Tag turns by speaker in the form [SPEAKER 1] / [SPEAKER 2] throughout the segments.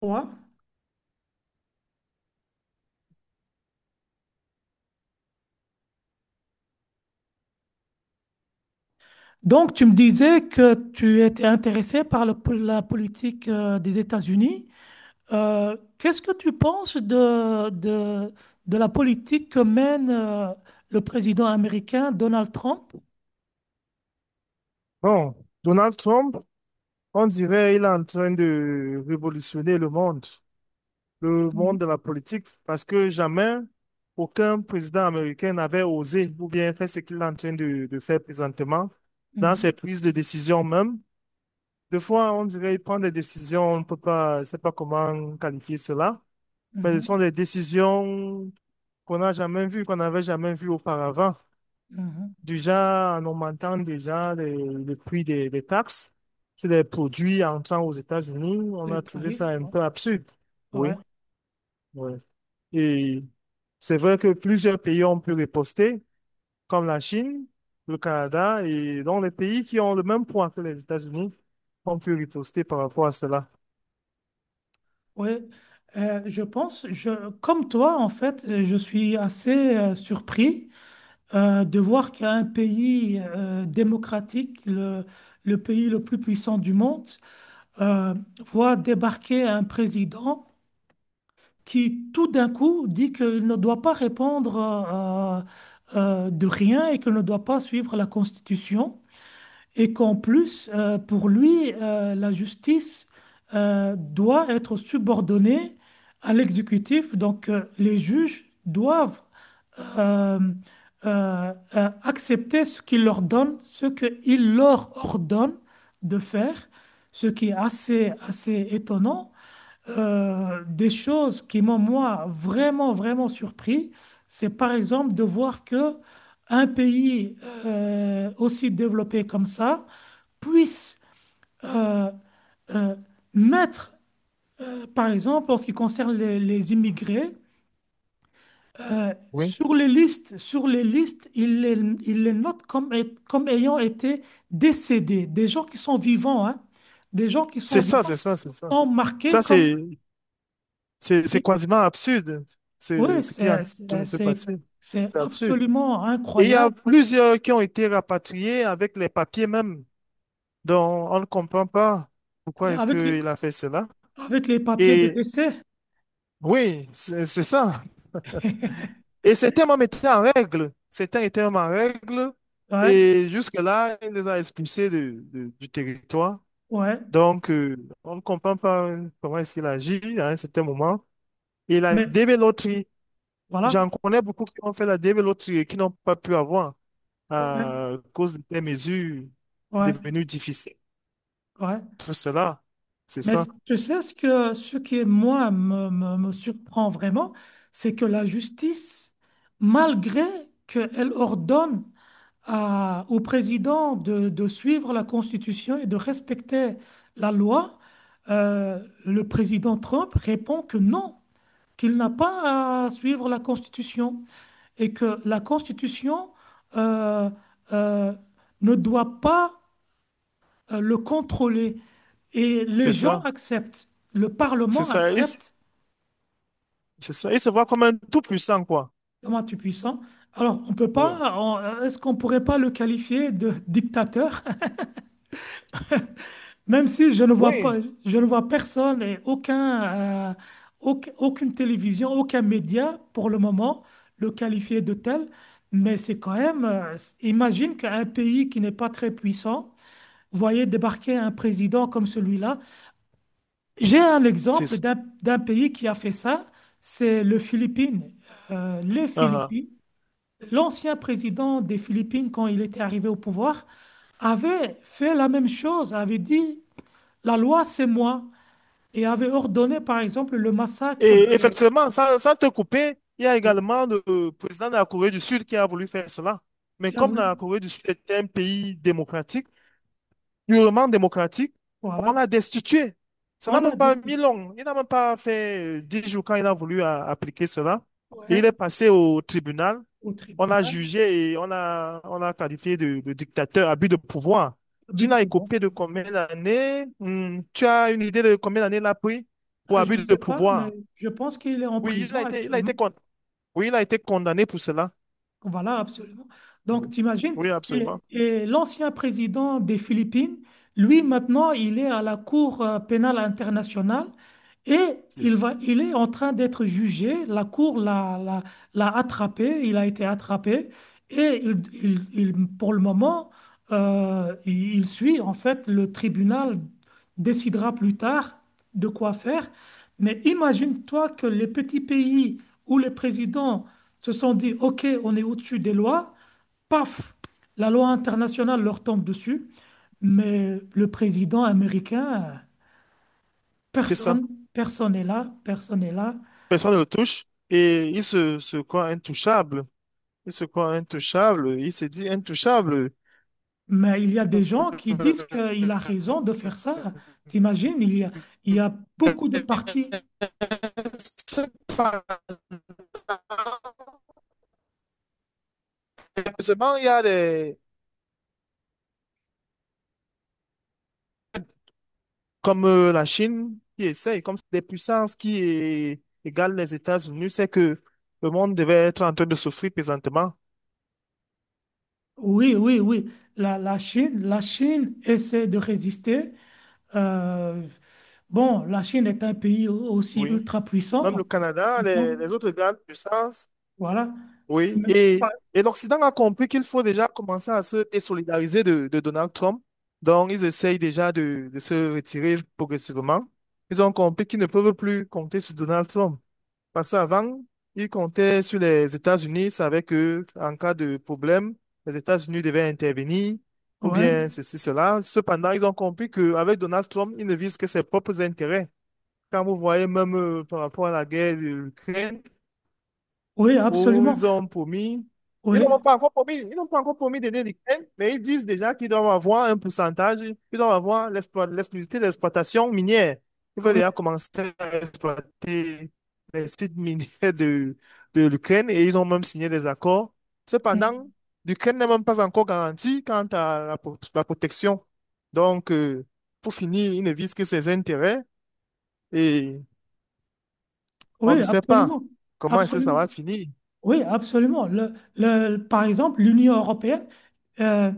[SPEAKER 1] Ouais. Donc, tu me disais que tu étais intéressé par la politique des États-Unis. Qu'est-ce que tu penses de la politique que mène le président américain Donald Trump?
[SPEAKER 2] Bon, Donald Trump, on dirait il est en train de révolutionner le
[SPEAKER 1] Mhm,
[SPEAKER 2] monde de la politique, parce que jamais aucun président américain n'avait osé ou bien fait ce qu'il est en train de faire présentement dans ses
[SPEAKER 1] mhm,
[SPEAKER 2] prises de décision même. Des fois, on dirait qu'il prend des décisions, on ne peut pas, je ne sais pas comment qualifier cela, mais ce
[SPEAKER 1] mhm,
[SPEAKER 2] sont des décisions qu'on n'a jamais vues, qu'on n'avait jamais vues auparavant.
[SPEAKER 1] mhm.
[SPEAKER 2] Déjà, en augmentant déjà le prix des taxes sur les produits entrant aux États-Unis, on
[SPEAKER 1] Les
[SPEAKER 2] a trouvé ça
[SPEAKER 1] tarifs,
[SPEAKER 2] un
[SPEAKER 1] ouais.
[SPEAKER 2] peu absurde.
[SPEAKER 1] Ouais,
[SPEAKER 2] Oui, oui. Et c'est vrai que plusieurs pays ont pu riposter, comme la Chine, le Canada, et donc les pays qui ont le même poids que les États-Unis ont pu riposter par rapport à cela.
[SPEAKER 1] ouais. Je pense, comme toi, en fait, je suis assez surpris. De voir qu'un pays démocratique, le pays le plus puissant du monde, euh, voit débarquer un président qui tout d'un coup dit qu'il ne doit pas répondre de rien et qu'il ne doit pas suivre la Constitution et qu'en plus, pour lui, la justice doit être subordonnée à l'exécutif, donc les juges doivent euh, accepter ce qu'il leur donne, ce qu'il leur ordonne de faire, ce qui est assez, assez étonnant. Des choses qui m'ont, moi, vraiment, vraiment surpris, c'est par exemple de voir que un pays aussi développé comme ça puisse euh, euh, mettre, par exemple, en ce qui concerne les immigrés,
[SPEAKER 2] Oui.
[SPEAKER 1] sur les listes, il les note comme, comme ayant été décédés. Des gens qui sont vivants, hein. Des gens qui sont
[SPEAKER 2] C'est ça,
[SPEAKER 1] vivants
[SPEAKER 2] c'est ça, c'est ça.
[SPEAKER 1] sont marqués
[SPEAKER 2] Ça,
[SPEAKER 1] comme...
[SPEAKER 2] c'est
[SPEAKER 1] Oui,
[SPEAKER 2] quasiment absurde,
[SPEAKER 1] oui,
[SPEAKER 2] c'est ce qui est en train de se passer.
[SPEAKER 1] c'est
[SPEAKER 2] C'est absurde.
[SPEAKER 1] absolument
[SPEAKER 2] Et il y a
[SPEAKER 1] incroyable.
[SPEAKER 2] plusieurs qui ont été rapatriés avec les papiers même. Donc, on ne comprend pas pourquoi est-ce
[SPEAKER 1] Avec les,
[SPEAKER 2] qu'il a fait cela.
[SPEAKER 1] avec les papiers de
[SPEAKER 2] Et
[SPEAKER 1] décès.
[SPEAKER 2] oui, c'est ça. Et certains même étaient en règle. Certains étaient même en règle.
[SPEAKER 1] Ouais,
[SPEAKER 2] Et jusque-là, il les a expulsés du territoire.
[SPEAKER 1] ouais.
[SPEAKER 2] Donc, on ne comprend pas comment est-ce qu'il agit à un certain moment. Et la
[SPEAKER 1] Mais
[SPEAKER 2] dévéloterie, j'en
[SPEAKER 1] voilà.
[SPEAKER 2] connais beaucoup qui ont fait la dévéloterie et qui n'ont pas pu avoir
[SPEAKER 1] Ouais,
[SPEAKER 2] à cause des mesures
[SPEAKER 1] ouais,
[SPEAKER 2] devenues difficiles.
[SPEAKER 1] ouais.
[SPEAKER 2] C'est là. C'est
[SPEAKER 1] Mais
[SPEAKER 2] ça.
[SPEAKER 1] tu sais, ce qui, moi, me surprend vraiment, c'est que la justice, malgré qu'elle ordonne au président de suivre la Constitution et de respecter la loi, le président Trump répond que non, qu'il n'a pas à suivre la Constitution et que la Constitution euh, euh, ne doit pas le contrôler. Et les
[SPEAKER 2] C'est
[SPEAKER 1] gens
[SPEAKER 2] ça.
[SPEAKER 1] acceptent, le
[SPEAKER 2] C'est
[SPEAKER 1] Parlement
[SPEAKER 2] ça.
[SPEAKER 1] accepte.
[SPEAKER 2] C'est ça. Il se voit comme un tout puissant, quoi.
[SPEAKER 1] Comment tu puissant. Alors, on peut
[SPEAKER 2] Oui.
[SPEAKER 1] pas, on- est-ce qu'on pourrait pas le qualifier de dictateur? Même si
[SPEAKER 2] Oui.
[SPEAKER 1] je ne vois personne et aucune télévision, aucun média pour le moment le qualifier de tel. Mais c'est quand même, imagine qu'un pays qui n'est pas très puissant, voyez débarquer un président comme celui-là. J'ai un
[SPEAKER 2] C'est
[SPEAKER 1] exemple
[SPEAKER 2] ça.
[SPEAKER 1] d'un pays qui a fait ça, c'est le Philippines. Les
[SPEAKER 2] Ah, ah.
[SPEAKER 1] Philippines, l'ancien président des Philippines, quand il était arrivé au pouvoir, avait fait la même chose, avait dit la loi, c'est moi, et avait ordonné, par exemple, le massacre
[SPEAKER 2] Et
[SPEAKER 1] des...
[SPEAKER 2] effectivement, sans te couper, il y a également le président de la Corée du Sud qui a voulu faire cela. Mais
[SPEAKER 1] qui a
[SPEAKER 2] comme la
[SPEAKER 1] voulu.
[SPEAKER 2] Corée du Sud est un pays démocratique, purement démocratique,
[SPEAKER 1] Voilà,
[SPEAKER 2] on l'a destitué. Ça
[SPEAKER 1] on
[SPEAKER 2] n'a
[SPEAKER 1] l'a
[SPEAKER 2] même pas mis
[SPEAKER 1] destitué.
[SPEAKER 2] long. Il n'a même pas fait 10 jours quand il a voulu appliquer cela. Et il est
[SPEAKER 1] Ouais,
[SPEAKER 2] passé au tribunal.
[SPEAKER 1] au
[SPEAKER 2] On a
[SPEAKER 1] tribunal,
[SPEAKER 2] jugé et on a qualifié de dictateur, abus de pouvoir.
[SPEAKER 1] but
[SPEAKER 2] Tu
[SPEAKER 1] de
[SPEAKER 2] n'as
[SPEAKER 1] pouvoir.
[SPEAKER 2] écopé de combien d'années? Hmm, tu as une idée de combien d'années il a pris pour
[SPEAKER 1] Je
[SPEAKER 2] abus
[SPEAKER 1] ne
[SPEAKER 2] de
[SPEAKER 1] sais pas, mais
[SPEAKER 2] pouvoir?
[SPEAKER 1] je pense qu'il est en
[SPEAKER 2] Oui,
[SPEAKER 1] prison actuellement.
[SPEAKER 2] oui, il a été condamné pour cela.
[SPEAKER 1] Voilà, absolument. Donc,
[SPEAKER 2] Oui,
[SPEAKER 1] t'imagines,
[SPEAKER 2] oui,
[SPEAKER 1] et,
[SPEAKER 2] absolument.
[SPEAKER 1] et l'ancien président des Philippines, lui, maintenant, il est à la Cour pénale internationale et
[SPEAKER 2] C'est
[SPEAKER 1] il est en train d'être jugé. La Cour l'a attrapé, il a été attrapé et pour le moment, il suit, en fait, le tribunal décidera plus tard de quoi faire. Mais imagine-toi que les petits pays où les présidents se sont dit, OK, on est au-dessus des lois, paf, la loi internationale leur tombe dessus, mais le président américain,
[SPEAKER 2] c'est ça.
[SPEAKER 1] personne, personne n'est là, personne n'est là.
[SPEAKER 2] Personne ne le touche et se croit intouchable. Il se croit intouchable. Il se dit intouchable.
[SPEAKER 1] Mais il y a des gens qui disent qu'il a raison de faire ça. T'imagines, il y a beaucoup de partis.
[SPEAKER 2] Ce Seulement, il y a comme la Chine qui essaye, comme c'est des puissances qui égalent les États-Unis, c'est que le monde devait être en train de souffrir présentement.
[SPEAKER 1] Oui, oui, oui. La Chine essaie de résister. Euh, bon, la Chine est un pays aussi
[SPEAKER 2] Oui. Même le
[SPEAKER 1] ultra
[SPEAKER 2] Canada,
[SPEAKER 1] puissant,
[SPEAKER 2] les autres grandes puissances.
[SPEAKER 1] voilà.
[SPEAKER 2] Oui.
[SPEAKER 1] Mais-
[SPEAKER 2] Et l'Occident a compris qu'il faut déjà commencer à se désolidariser de Donald Trump. Donc, ils essayent déjà de se retirer progressivement. Ils ont compris qu'ils ne peuvent plus compter sur Donald Trump. Parce qu'avant, ils comptaient sur les États-Unis, savaient que en cas de problème, les États-Unis devaient intervenir, ou
[SPEAKER 1] ouais.
[SPEAKER 2] bien ceci, cela. Cependant, ils ont compris qu'avec Donald Trump, ils ne visent que ses propres intérêts. Quand vous voyez même par rapport à la guerre de l'Ukraine,
[SPEAKER 1] Oui,
[SPEAKER 2] où
[SPEAKER 1] absolument.
[SPEAKER 2] ils ont ils
[SPEAKER 1] Oui,
[SPEAKER 2] n'ont pas encore ils n'ont pas encore promis d'aider l'Ukraine, mais ils disent déjà qu'ils doivent avoir un pourcentage, qu'ils doivent avoir l'exclusivité de l'exploitation minière. Ils veulent déjà
[SPEAKER 1] oui,
[SPEAKER 2] commencer à exploiter les sites miniers de, de l'Ukraine et ils ont même signé des accords. Cependant,
[SPEAKER 1] mm,
[SPEAKER 2] l'Ukraine n'est même pas encore garantie quant à la protection. Donc, pour finir, ils ne visent que ses intérêts et on
[SPEAKER 1] oui,
[SPEAKER 2] ne sait pas
[SPEAKER 1] absolument.
[SPEAKER 2] comment est-ce que ça
[SPEAKER 1] Absolument.
[SPEAKER 2] va finir.
[SPEAKER 1] Oui, absolument. Par exemple, l'Union européenne, euh,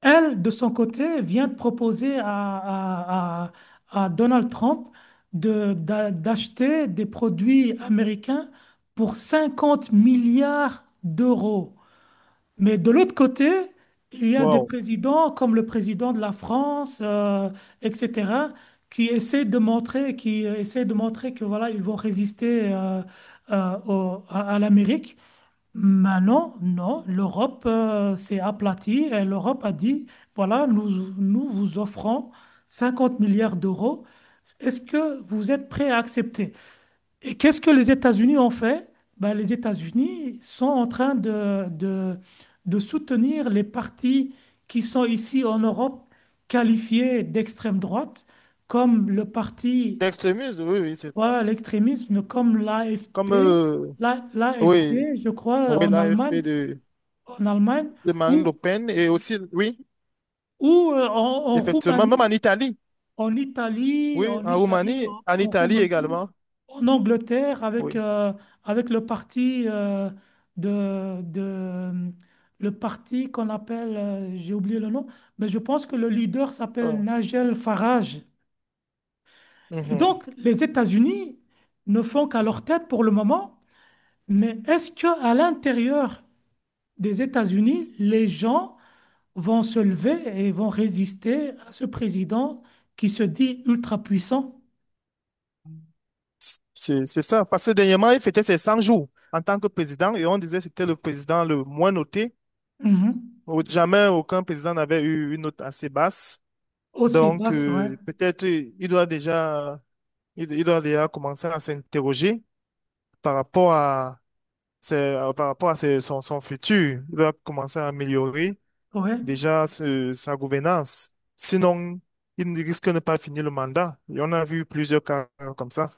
[SPEAKER 1] elle, de son côté, vient de proposer à Donald Trump d'acheter des produits américains pour 50 milliards d'euros. Mais de l'autre côté, il y a des
[SPEAKER 2] Wow.
[SPEAKER 1] présidents comme le président de la France, etc., qui essaient de montrer que voilà, ils vont résister à l'Amérique. Maintenant, non, l'Europe s'est aplatie et l'Europe a dit, voilà, nous, vous offrons 50 milliards d'euros. Est-ce que vous êtes prêts à accepter? Et qu'est-ce que les États-Unis ont fait? Ben, les États-Unis sont en train de soutenir les partis qui sont ici en Europe qualifiés d'extrême droite, comme le parti,
[SPEAKER 2] D'extrémisme, oui, oui, c'est ça.
[SPEAKER 1] voilà, l'extrémisme, comme
[SPEAKER 2] Comme,
[SPEAKER 1] l'AFP,
[SPEAKER 2] oui,
[SPEAKER 1] l'AFD, je crois,
[SPEAKER 2] oui,
[SPEAKER 1] en Allemagne,
[SPEAKER 2] l'AFP
[SPEAKER 1] en Allemagne,
[SPEAKER 2] de Marine Le
[SPEAKER 1] ou,
[SPEAKER 2] Pen et aussi, oui,
[SPEAKER 1] ou en
[SPEAKER 2] effectivement, même en
[SPEAKER 1] Roumanie,
[SPEAKER 2] Italie,
[SPEAKER 1] en Italie,
[SPEAKER 2] oui,
[SPEAKER 1] en
[SPEAKER 2] en
[SPEAKER 1] Italie,
[SPEAKER 2] Roumanie,
[SPEAKER 1] en
[SPEAKER 2] en
[SPEAKER 1] en
[SPEAKER 2] Italie
[SPEAKER 1] Roumanie.
[SPEAKER 2] également,
[SPEAKER 1] En Angleterre avec,
[SPEAKER 2] oui.
[SPEAKER 1] avec le parti de le parti qu'on appelle, j'ai oublié le nom, mais je pense que le leader s'appelle
[SPEAKER 2] Oh,
[SPEAKER 1] Nigel Farage. Et
[SPEAKER 2] mhm.
[SPEAKER 1] donc, les États-Unis ne font qu'à leur tête pour le moment, mais est-ce que à l'intérieur des États-Unis, les gens vont se lever et vont résister à ce président qui se dit ultra puissant?
[SPEAKER 2] C'est ça. Parce que dernièrement, il fêtait ses 100 jours en tant que président et on disait que c'était le président le moins noté.
[SPEAKER 1] Mhm.
[SPEAKER 2] Jamais aucun président n'avait eu une note assez basse.
[SPEAKER 1] Aussi
[SPEAKER 2] Donc,
[SPEAKER 1] basse, ouais,
[SPEAKER 2] peut-être il doit déjà commencer à s'interroger par rapport à c'est par rapport à son futur. Il doit commencer à améliorer
[SPEAKER 1] ouais,
[SPEAKER 2] déjà sa gouvernance. Sinon, il ne risque de ne pas finir le mandat. Et on a vu plusieurs cas comme ça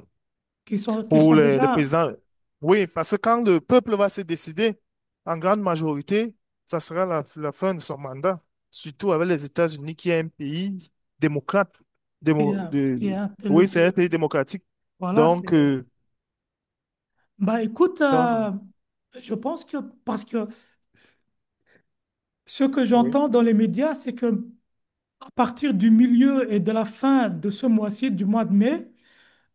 [SPEAKER 1] qui sont, qui
[SPEAKER 2] où
[SPEAKER 1] sont
[SPEAKER 2] le
[SPEAKER 1] déjà
[SPEAKER 2] président. Oui, parce que quand le peuple va se décider, en grande majorité, ça sera la fin de son mandat. Surtout avec les États-Unis, qui est un pays démocrate.
[SPEAKER 1] qui est,
[SPEAKER 2] démo- de,
[SPEAKER 1] qui est le
[SPEAKER 2] oui, c'est un
[SPEAKER 1] plus.
[SPEAKER 2] pays démocratique.
[SPEAKER 1] Voilà, c'est.
[SPEAKER 2] Donc,
[SPEAKER 1] Bah écoute,
[SPEAKER 2] dans,
[SPEAKER 1] je pense que parce que ce que
[SPEAKER 2] oui.
[SPEAKER 1] j'entends dans les médias, c'est que à partir du milieu et de la fin de ce mois-ci, du mois de mai,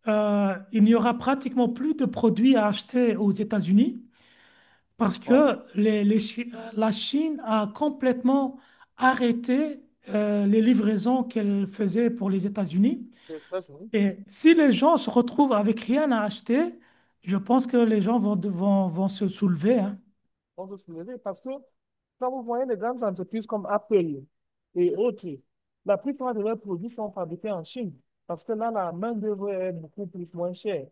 [SPEAKER 1] il n'y aura pratiquement plus de produits à acheter aux États-Unis parce
[SPEAKER 2] Wow.
[SPEAKER 1] que la Chine a complètement arrêté les livraisons qu'elle faisait pour les États-Unis. Et si les gens se retrouvent avec rien à acheter, je pense que les gens vont se soulever, hein.
[SPEAKER 2] On peut soulever parce que quand vous voyez les grandes entreprises comme Apple et autres, la plupart de leurs produits sont fabriqués en Chine parce que là, la main-d'œuvre est beaucoup plus moins chère.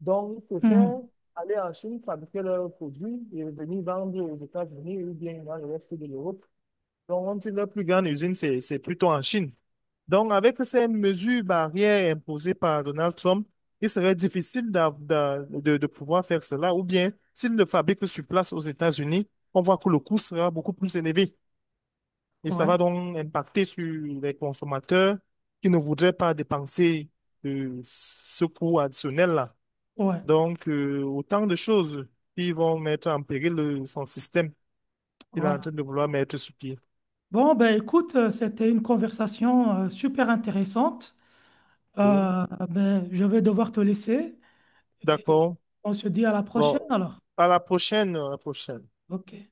[SPEAKER 2] Donc, ils préfèrent
[SPEAKER 1] Mhm.
[SPEAKER 2] aller en Chine, fabriquer leurs produits et venir vendre aux États-Unis ou bien dans le reste de l'Europe. Donc, on dit que leur plus grande usine, c'est plutôt en Chine. Donc, avec ces mesures barrières imposées par Donald Trump, il serait difficile de pouvoir faire cela. Ou bien, s'il le fabrique sur place aux États-Unis, on voit que le coût sera beaucoup plus élevé. Et ça
[SPEAKER 1] Ouais,
[SPEAKER 2] va donc impacter sur les consommateurs qui ne voudraient pas dépenser ce coût additionnel-là.
[SPEAKER 1] ouais,
[SPEAKER 2] Donc, autant de choses qui vont mettre en péril son système qu'il est
[SPEAKER 1] ouais.
[SPEAKER 2] en train de vouloir mettre sur pied.
[SPEAKER 1] Bon, ben écoute, c'était une conversation super intéressante.
[SPEAKER 2] Oui.
[SPEAKER 1] Ben, je vais devoir te laisser. Et
[SPEAKER 2] D'accord.
[SPEAKER 1] on se dit à la prochaine
[SPEAKER 2] Bon,
[SPEAKER 1] alors.
[SPEAKER 2] à la prochaine, à la prochaine.
[SPEAKER 1] OK.